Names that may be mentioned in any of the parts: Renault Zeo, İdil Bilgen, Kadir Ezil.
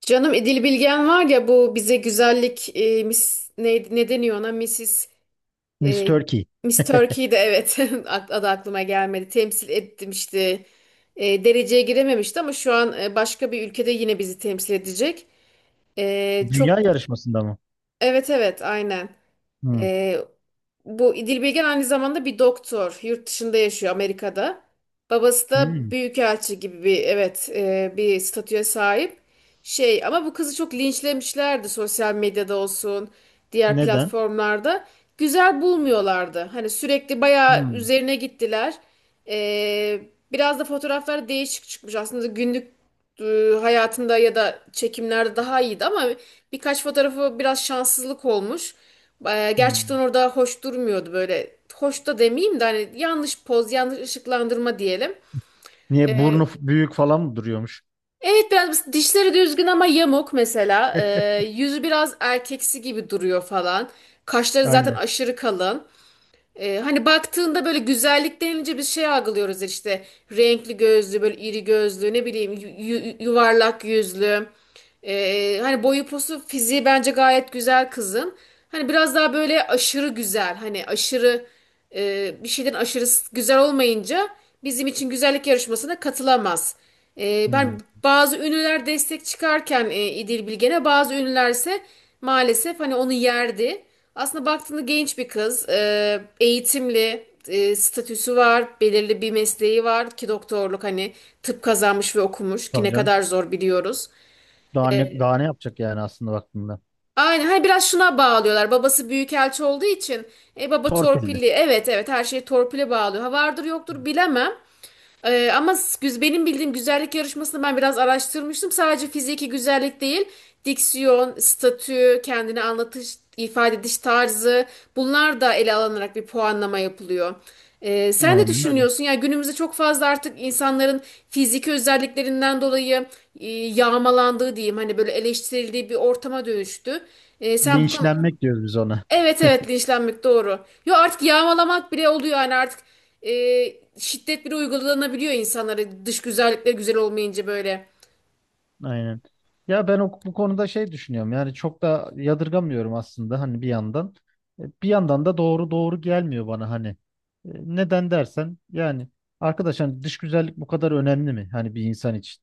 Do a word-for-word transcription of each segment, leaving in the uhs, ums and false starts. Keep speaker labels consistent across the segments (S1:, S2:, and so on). S1: Canım İdil Bilgen var ya, bu bize güzellik e, mis ne, ne deniyor ona? missis
S2: Miss
S1: e,
S2: Turkey.
S1: Miss Turkey'de, evet. Ak- adı aklıma gelmedi, temsil etmişti. E, dereceye girememişti ama şu an e, başka bir ülkede yine bizi temsil edecek. E,
S2: Dünya
S1: çok
S2: yarışmasında mı?
S1: evet, evet, aynen.
S2: Hmm.
S1: ee, Bu İdil aynı zamanda bir doktor. Yurt dışında yaşıyor, Amerika'da. Babası da
S2: Hmm.
S1: büyükelçi gibi bir, evet, e, bir statüye sahip. Şey, ama bu kızı çok linçlemişlerdi, sosyal medyada olsun diğer
S2: Neden?
S1: platformlarda. Güzel bulmuyorlardı. Hani sürekli bayağı
S2: Hmm.
S1: üzerine gittiler. Ee, Biraz da fotoğraflar değişik çıkmış. Aslında günlük e, hayatında ya da çekimlerde daha iyiydi ama birkaç fotoğrafı biraz şanssızlık olmuş. Ee, Gerçekten
S2: Hmm.
S1: orada hoş durmuyordu böyle. Hoş da demeyeyim de hani yanlış poz, yanlış ışıklandırma diyelim.
S2: Niye
S1: Ee,
S2: burnu f- büyük falan mı duruyormuş?
S1: evet, biraz dişleri düzgün ama yamuk mesela. Ee, yüzü biraz erkeksi gibi duruyor falan. Kaşları zaten
S2: Aynen.
S1: aşırı kalın. Ee, hani baktığında böyle güzellik denilince bir şey algılıyoruz işte. Renkli gözlü, böyle iri gözlü, ne bileyim yu- yu- yuvarlak yüzlü. Ee, hani boyu posu fiziği bence gayet güzel kızın. Hani biraz daha böyle aşırı güzel, hani aşırı e, bir şeyden aşırı s- güzel olmayınca bizim için güzellik yarışmasına katılamaz. Ee,
S2: Hmm.
S1: ben bazı ünlüler destek çıkarken e, İdil Bilgen'e, bazı ünlüler ise maalesef hani onu yerdi. Aslında baktığında genç bir kız, e, eğitimli, e, statüsü var, belirli bir mesleği var ki doktorluk, hani tıp kazanmış ve okumuş ki
S2: Tabii
S1: ne
S2: canım.
S1: kadar zor biliyoruz.
S2: Daha ne, daha ne yapacak yani aslında baktığında?
S1: Aynen, hani biraz şuna bağlıyorlar. Babası büyükelçi olduğu için e, baba
S2: Torpilli.
S1: torpilli. Evet, evet, her şeyi torpile bağlıyor. Ha vardır, yoktur, bilemem. Ee, ama güz- benim bildiğim güzellik yarışmasını ben biraz araştırmıştım. Sadece fiziki güzellik değil, diksiyon, statü, kendini anlatış, ifade ediş tarzı, bunlar da ele alınarak bir puanlama yapılıyor. Ee, sen ne
S2: Aynen öyle.
S1: düşünüyorsun? Yani günümüzde çok fazla artık insanların fiziki özelliklerinden dolayı e, yağmalandığı diyeyim, hani böyle eleştirildiği bir ortama dönüştü. Ee, sen bu konu...
S2: Linçlenmek diyoruz biz ona.
S1: Evet, evet, linçlenmek doğru. Yo, artık yağmalamak bile oluyor yani, artık e, şiddet bile uygulanabiliyor insanlara dış güzellikle güzel olmayınca böyle.
S2: Aynen. Ya ben o, bu konuda şey düşünüyorum. Yani çok da yadırgamıyorum aslında hani bir yandan. E, Bir yandan da doğru doğru gelmiyor bana hani. E, Neden dersen yani arkadaş hani dış güzellik bu kadar önemli mi? Hani bir insan için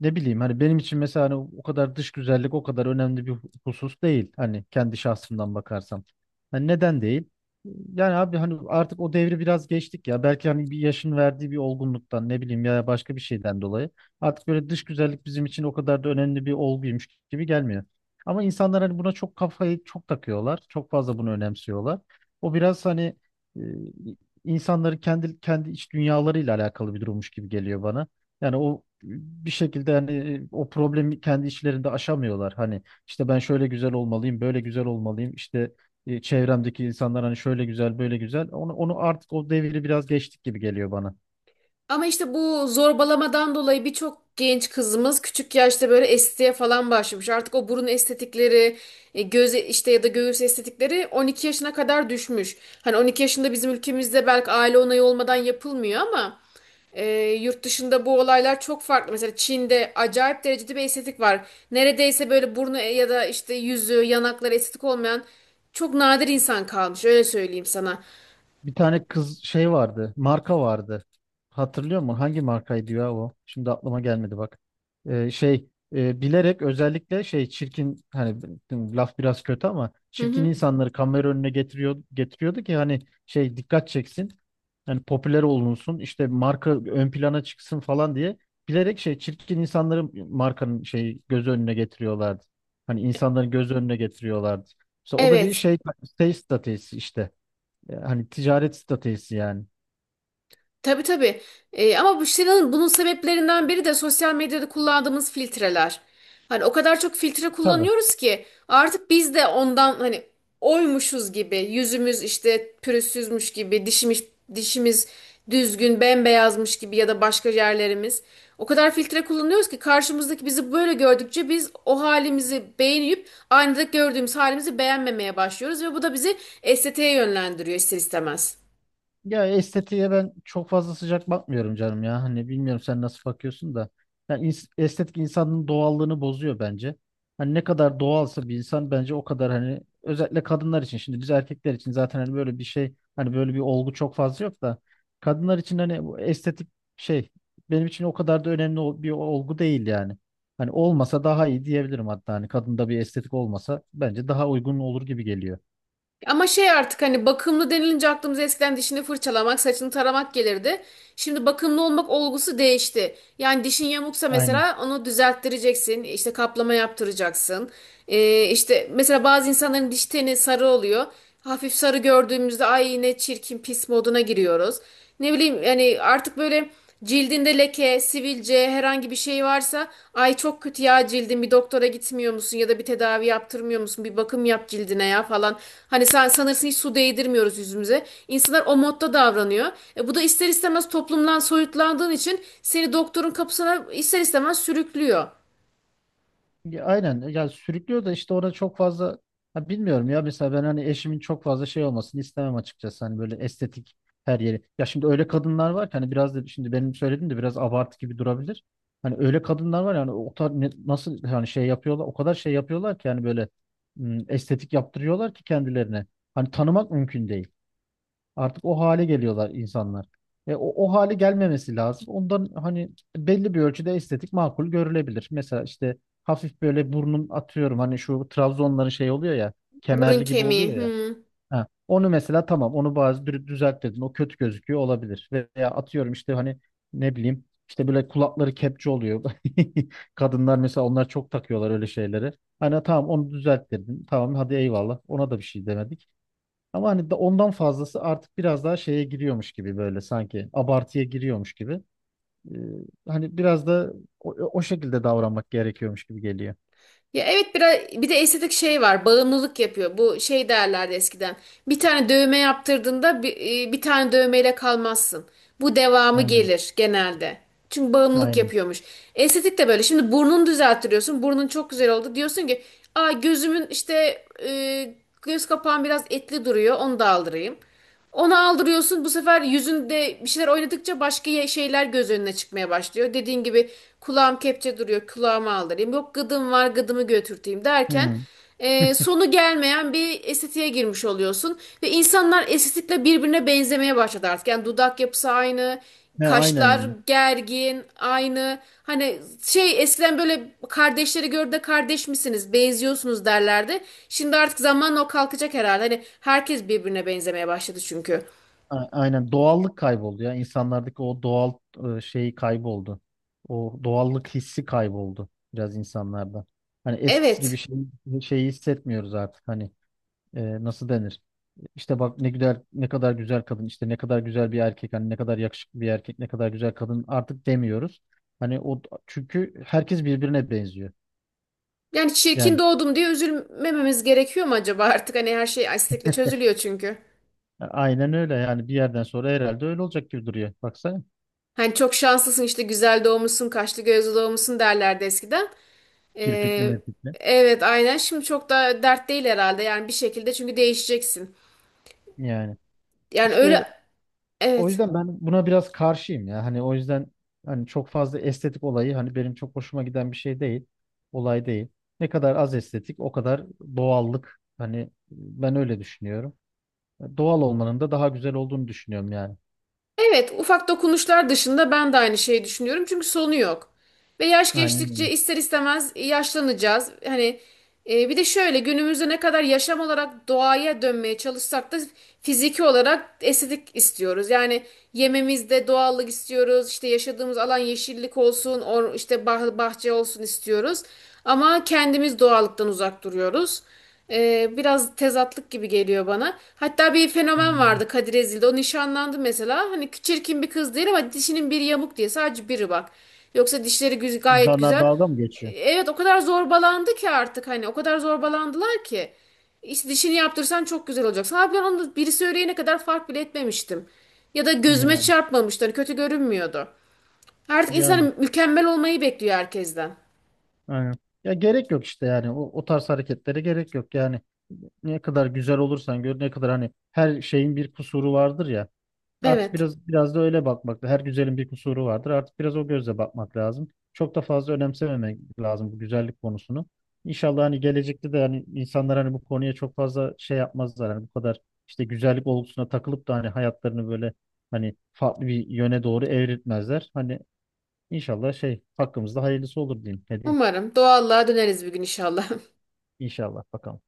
S2: ne bileyim hani benim için mesela hani o kadar dış güzellik o kadar önemli bir hu- husus değil. Hani kendi şahsımdan bakarsam. Hani neden değil? Yani abi hani artık o devri biraz geçtik ya. Belki hani bir yaşın verdiği bir olgunluktan ne bileyim ya başka bir şeyden dolayı. Artık böyle dış güzellik bizim için o kadar da önemli bir olguymuş gibi gelmiyor. Ama insanlar hani buna çok kafayı çok takıyorlar. Çok fazla bunu önemsiyorlar. O biraz hani e, insanların kendi kendi iç dünyalarıyla alakalı bir durummuş gibi geliyor bana. Yani o bir şekilde hani o problemi kendi içlerinde aşamıyorlar. Hani işte ben şöyle güzel olmalıyım, böyle güzel olmalıyım. İşte e, çevremdeki insanlar hani şöyle güzel, böyle güzel. Onu, onu artık o devri biraz geçtik gibi geliyor bana.
S1: Ama işte bu zorbalamadan dolayı birçok genç kızımız küçük yaşta böyle estetiğe falan başlamış. Artık o burun estetikleri, e, göz e, işte ya da göğüs estetikleri on iki yaşına kadar düşmüş. Hani on iki yaşında bizim ülkemizde belki aile onayı olmadan yapılmıyor ama e, yurt dışında bu olaylar çok farklı. Mesela Çin'de acayip derecede bir estetik var. Neredeyse böyle burnu e, ya da işte yüzü, yanakları estetik olmayan çok nadir insan kalmış. Öyle söyleyeyim sana.
S2: Bir tane kız şey vardı. Marka vardı. Hatırlıyor musun? Hangi markaydı ya o? Şimdi aklıma gelmedi bak. Ee, şey e, bilerek özellikle şey çirkin hani laf biraz kötü ama
S1: Hı
S2: çirkin
S1: hı.
S2: insanları kamera önüne getiriyor getiriyordu ki hani şey dikkat çeksin. Yani popüler olunsun işte marka ön plana çıksın falan diye bilerek şey çirkin insanları markanın şey göz önüne getiriyorlardı. Hani insanların göz önüne getiriyorlardı. Mesela o da bir
S1: Evet.
S2: şey şey stratejisi işte. Ya hani ticaret stratejisi yani.
S1: Tabii, tabii. Ee, ama bu şeyin, bunun sebeplerinden biri de sosyal medyada kullandığımız filtreler. Hani o kadar çok filtre
S2: Tabii.
S1: kullanıyoruz ki artık biz de ondan hani oymuşuz gibi, yüzümüz işte pürüzsüzmüş gibi, dişimiz dişimiz düzgün bembeyazmış gibi ya da başka yerlerimiz. O kadar filtre kullanıyoruz ki karşımızdaki bizi böyle gördükçe biz o halimizi beğenip aynada gördüğümüz halimizi beğenmemeye başlıyoruz, ve bu da bizi estetiğe yönlendiriyor ister istemez.
S2: Ya estetiğe ben çok fazla sıcak bakmıyorum canım ya. Hani bilmiyorum sen nasıl bakıyorsun da. Yani ins- estetik insanın doğallığını bozuyor bence. Hani ne kadar doğalsa bir insan bence o kadar hani özellikle kadınlar için. Şimdi biz erkekler için zaten hani böyle bir şey hani böyle bir olgu çok fazla yok da kadınlar için hani bu estetik şey benim için o kadar da önemli ol- bir olgu değil yani. Hani olmasa daha iyi diyebilirim hatta hani kadında bir estetik olmasa bence daha uygun olur gibi geliyor.
S1: Ama şey, artık hani bakımlı denilince aklımıza eskiden dişini fırçalamak, saçını taramak gelirdi. Şimdi bakımlı olmak olgusu değişti. Yani dişin yamuksa
S2: Aynen.
S1: mesela onu düzelttireceksin, işte kaplama yaptıracaksın. Ee, işte mesela bazı insanların diş teni sarı oluyor. Hafif sarı gördüğümüzde ay ne çirkin, pis moduna giriyoruz. Ne bileyim, yani artık böyle cildinde leke, sivilce herhangi bir şey varsa ay çok kötü ya, cildin, bir doktora gitmiyor musun ya da bir tedavi yaptırmıyor musun, bir bakım yap cildine ya falan. Hani sen sanırsın hiç su değdirmiyoruz yüzümüze. İnsanlar o modda davranıyor. E, bu da ister istemez toplumdan soyutlandığın için seni doktorun kapısına ister istemez sürüklüyor.
S2: Ya aynen ya sürüklüyor da işte ona çok fazla ha bilmiyorum ya mesela ben hani eşimin çok fazla şey olmasını istemem açıkçası hani böyle estetik her yeri. Ya şimdi öyle kadınlar var ki hani biraz da şimdi benim söylediğim de biraz abartı gibi durabilir. Hani öyle kadınlar var yani o kadar ne- nasıl hani şey yapıyorlar o kadar şey yapıyorlar ki yani böyle m, estetik yaptırıyorlar ki kendilerine. Hani tanımak mümkün değil. Artık o hale geliyorlar insanlar. Ve o, o hale gelmemesi lazım. Ondan hani belli bir ölçüde estetik makul görülebilir. Mesela işte hafif böyle burnun atıyorum hani şu Trabzonların şey oluyor ya
S1: Burun
S2: kemerli gibi
S1: kemiği.
S2: oluyor ya.
S1: Hmm.
S2: Ha, onu mesela tamam onu bazı dü- düzelt dedin o kötü gözüküyor olabilir. Veya atıyorum işte hani ne bileyim işte böyle kulakları kepçe oluyor. Kadınlar mesela onlar çok takıyorlar öyle şeyleri. Hani tamam onu düzelt dedin. Tamam hadi eyvallah. Ona da bir şey demedik. Ama hani da- ondan fazlası artık biraz daha şeye giriyormuş gibi böyle sanki abartıya giriyormuş gibi. Ee, hani biraz da o, o şekilde davranmak gerekiyormuş gibi geliyor.
S1: Ya evet, biraz bir de estetik şey var. Bağımlılık yapıyor. Bu şey derlerdi eskiden. Bir tane dövme yaptırdığında bir, e, bir tane dövmeyle kalmazsın. Bu devamı
S2: Aynen,
S1: gelir genelde. Çünkü bağımlılık
S2: aynen.
S1: yapıyormuş. Estetik de böyle. Şimdi burnunu düzelttiriyorsun. Burnun çok güzel oldu. Diyorsun ki, "Aa, gözümün işte e, göz kapağım biraz etli duruyor. Onu da aldırayım." Onu aldırıyorsun. Bu sefer yüzünde bir şeyler oynadıkça başka ye- şeyler göz önüne çıkmaya başlıyor. Dediğin gibi kulağım kepçe duruyor, kulağımı aldırayım. Yok gıdım var, gıdımı götürteyim derken
S2: Hı.
S1: e, sonu gelmeyen bir estetiğe girmiş oluyorsun. Ve insanlar estetikle birbirine benzemeye başladı artık. Yani dudak yapısı aynı.
S2: Ne aynen
S1: Kaşlar
S2: yani.
S1: gergin, aynı. Hani şey, eskiden böyle kardeşleri gör de kardeş misiniz, benziyorsunuz derlerdi. Şimdi artık zamanla o kalkacak herhalde. Hani herkes birbirine benzemeye başladı çünkü.
S2: A- Aynen doğallık kayboldu ya insanlardaki o doğal e, şeyi kayboldu. O doğallık hissi kayboldu biraz insanlarda. Hani eskisi gibi
S1: Evet.
S2: şey, şeyi hissetmiyoruz artık hani e, nasıl denir? İşte bak ne güzel ne kadar güzel kadın işte ne kadar güzel bir erkek hani ne kadar yakışıklı bir erkek ne kadar güzel kadın artık demiyoruz. Hani o çünkü herkes birbirine benziyor.
S1: Yani çirkin
S2: Yani
S1: doğdum diye üzülmememiz gerekiyor mu acaba artık? Hani her şey estetikle çözülüyor çünkü.
S2: aynen öyle yani bir yerden sonra herhalde öyle olacak gibi duruyor. Baksana
S1: Hani çok şanslısın işte, güzel doğmuşsun, kaşlı gözlü doğmuşsun derlerdi eskiden.
S2: kirpikli
S1: Ee,
S2: mirpikli.
S1: evet, aynen. Şimdi çok da dert değil herhalde. Yani bir şekilde çünkü değişeceksin.
S2: Yani
S1: Yani öyle,
S2: işte o
S1: evet.
S2: yüzden ben buna biraz karşıyım ya. Hani o yüzden hani çok fazla estetik olayı hani benim çok hoşuma giden bir şey değil. Olay değil. Ne kadar az estetik o kadar doğallık. Hani ben öyle düşünüyorum. Doğal olmanın da daha güzel olduğunu düşünüyorum yani.
S1: Evet, ufak dokunuşlar dışında ben de aynı şeyi düşünüyorum. Çünkü sonu yok. Ve yaş
S2: Aynen
S1: geçtikçe
S2: öyle.
S1: ister istemez yaşlanacağız. Hani e, bir de şöyle, günümüzde ne kadar yaşam olarak doğaya dönmeye çalışsak da fiziki olarak estetik istiyoruz. Yani yememizde doğallık istiyoruz. İşte yaşadığımız alan yeşillik olsun, or, işte bah- bahçe olsun istiyoruz. Ama kendimiz doğallıktan uzak duruyoruz. Ee, biraz tezatlık gibi geliyor bana. Hatta bir fenomen
S2: Aynen.
S1: vardı, Kadir Ezil'de. O nişanlandı mesela. Hani çirkin bir kız değil ama dişinin biri yamuk diye. Sadece biri bak. Yoksa dişleri güz- gayet
S2: İnsanlar
S1: güzel.
S2: dalga mı geçiyor?
S1: Evet, o kadar zorbalandı ki artık, hani o kadar zorbalandılar ki. İşte dişini yaptırsan çok güzel olacaksın. Abi, ben onu biri söyleyene kadar fark bile etmemiştim. Ya da gözüme
S2: Yani
S1: çarpmamıştı. Hani kötü görünmüyordu. Artık
S2: yani
S1: insan mükemmel olmayı bekliyor herkesten.
S2: aynen. Ya gerek yok işte yani o, o tarz hareketlere gerek yok yani. Ne kadar güzel olursan gör ne kadar hani her şeyin bir kusuru vardır ya. Artık
S1: Evet.
S2: biraz biraz da öyle bakmak. Her güzelin bir kusuru vardır. Artık biraz o gözle bakmak lazım. Çok da fazla önemsememek lazım bu güzellik konusunu. İnşallah hani gelecekte de hani insanlar hani bu konuya çok fazla şey yapmazlar. Hani bu kadar işte güzellik olgusuna takılıp da hani hayatlarını böyle hani farklı bir yöne doğru evriltmezler. Hani inşallah şey hakkımızda hayırlısı olur diyeyim. Ne diyeyim?
S1: Umarım doğallığa döneriz bir gün inşallah.
S2: İnşallah bakalım.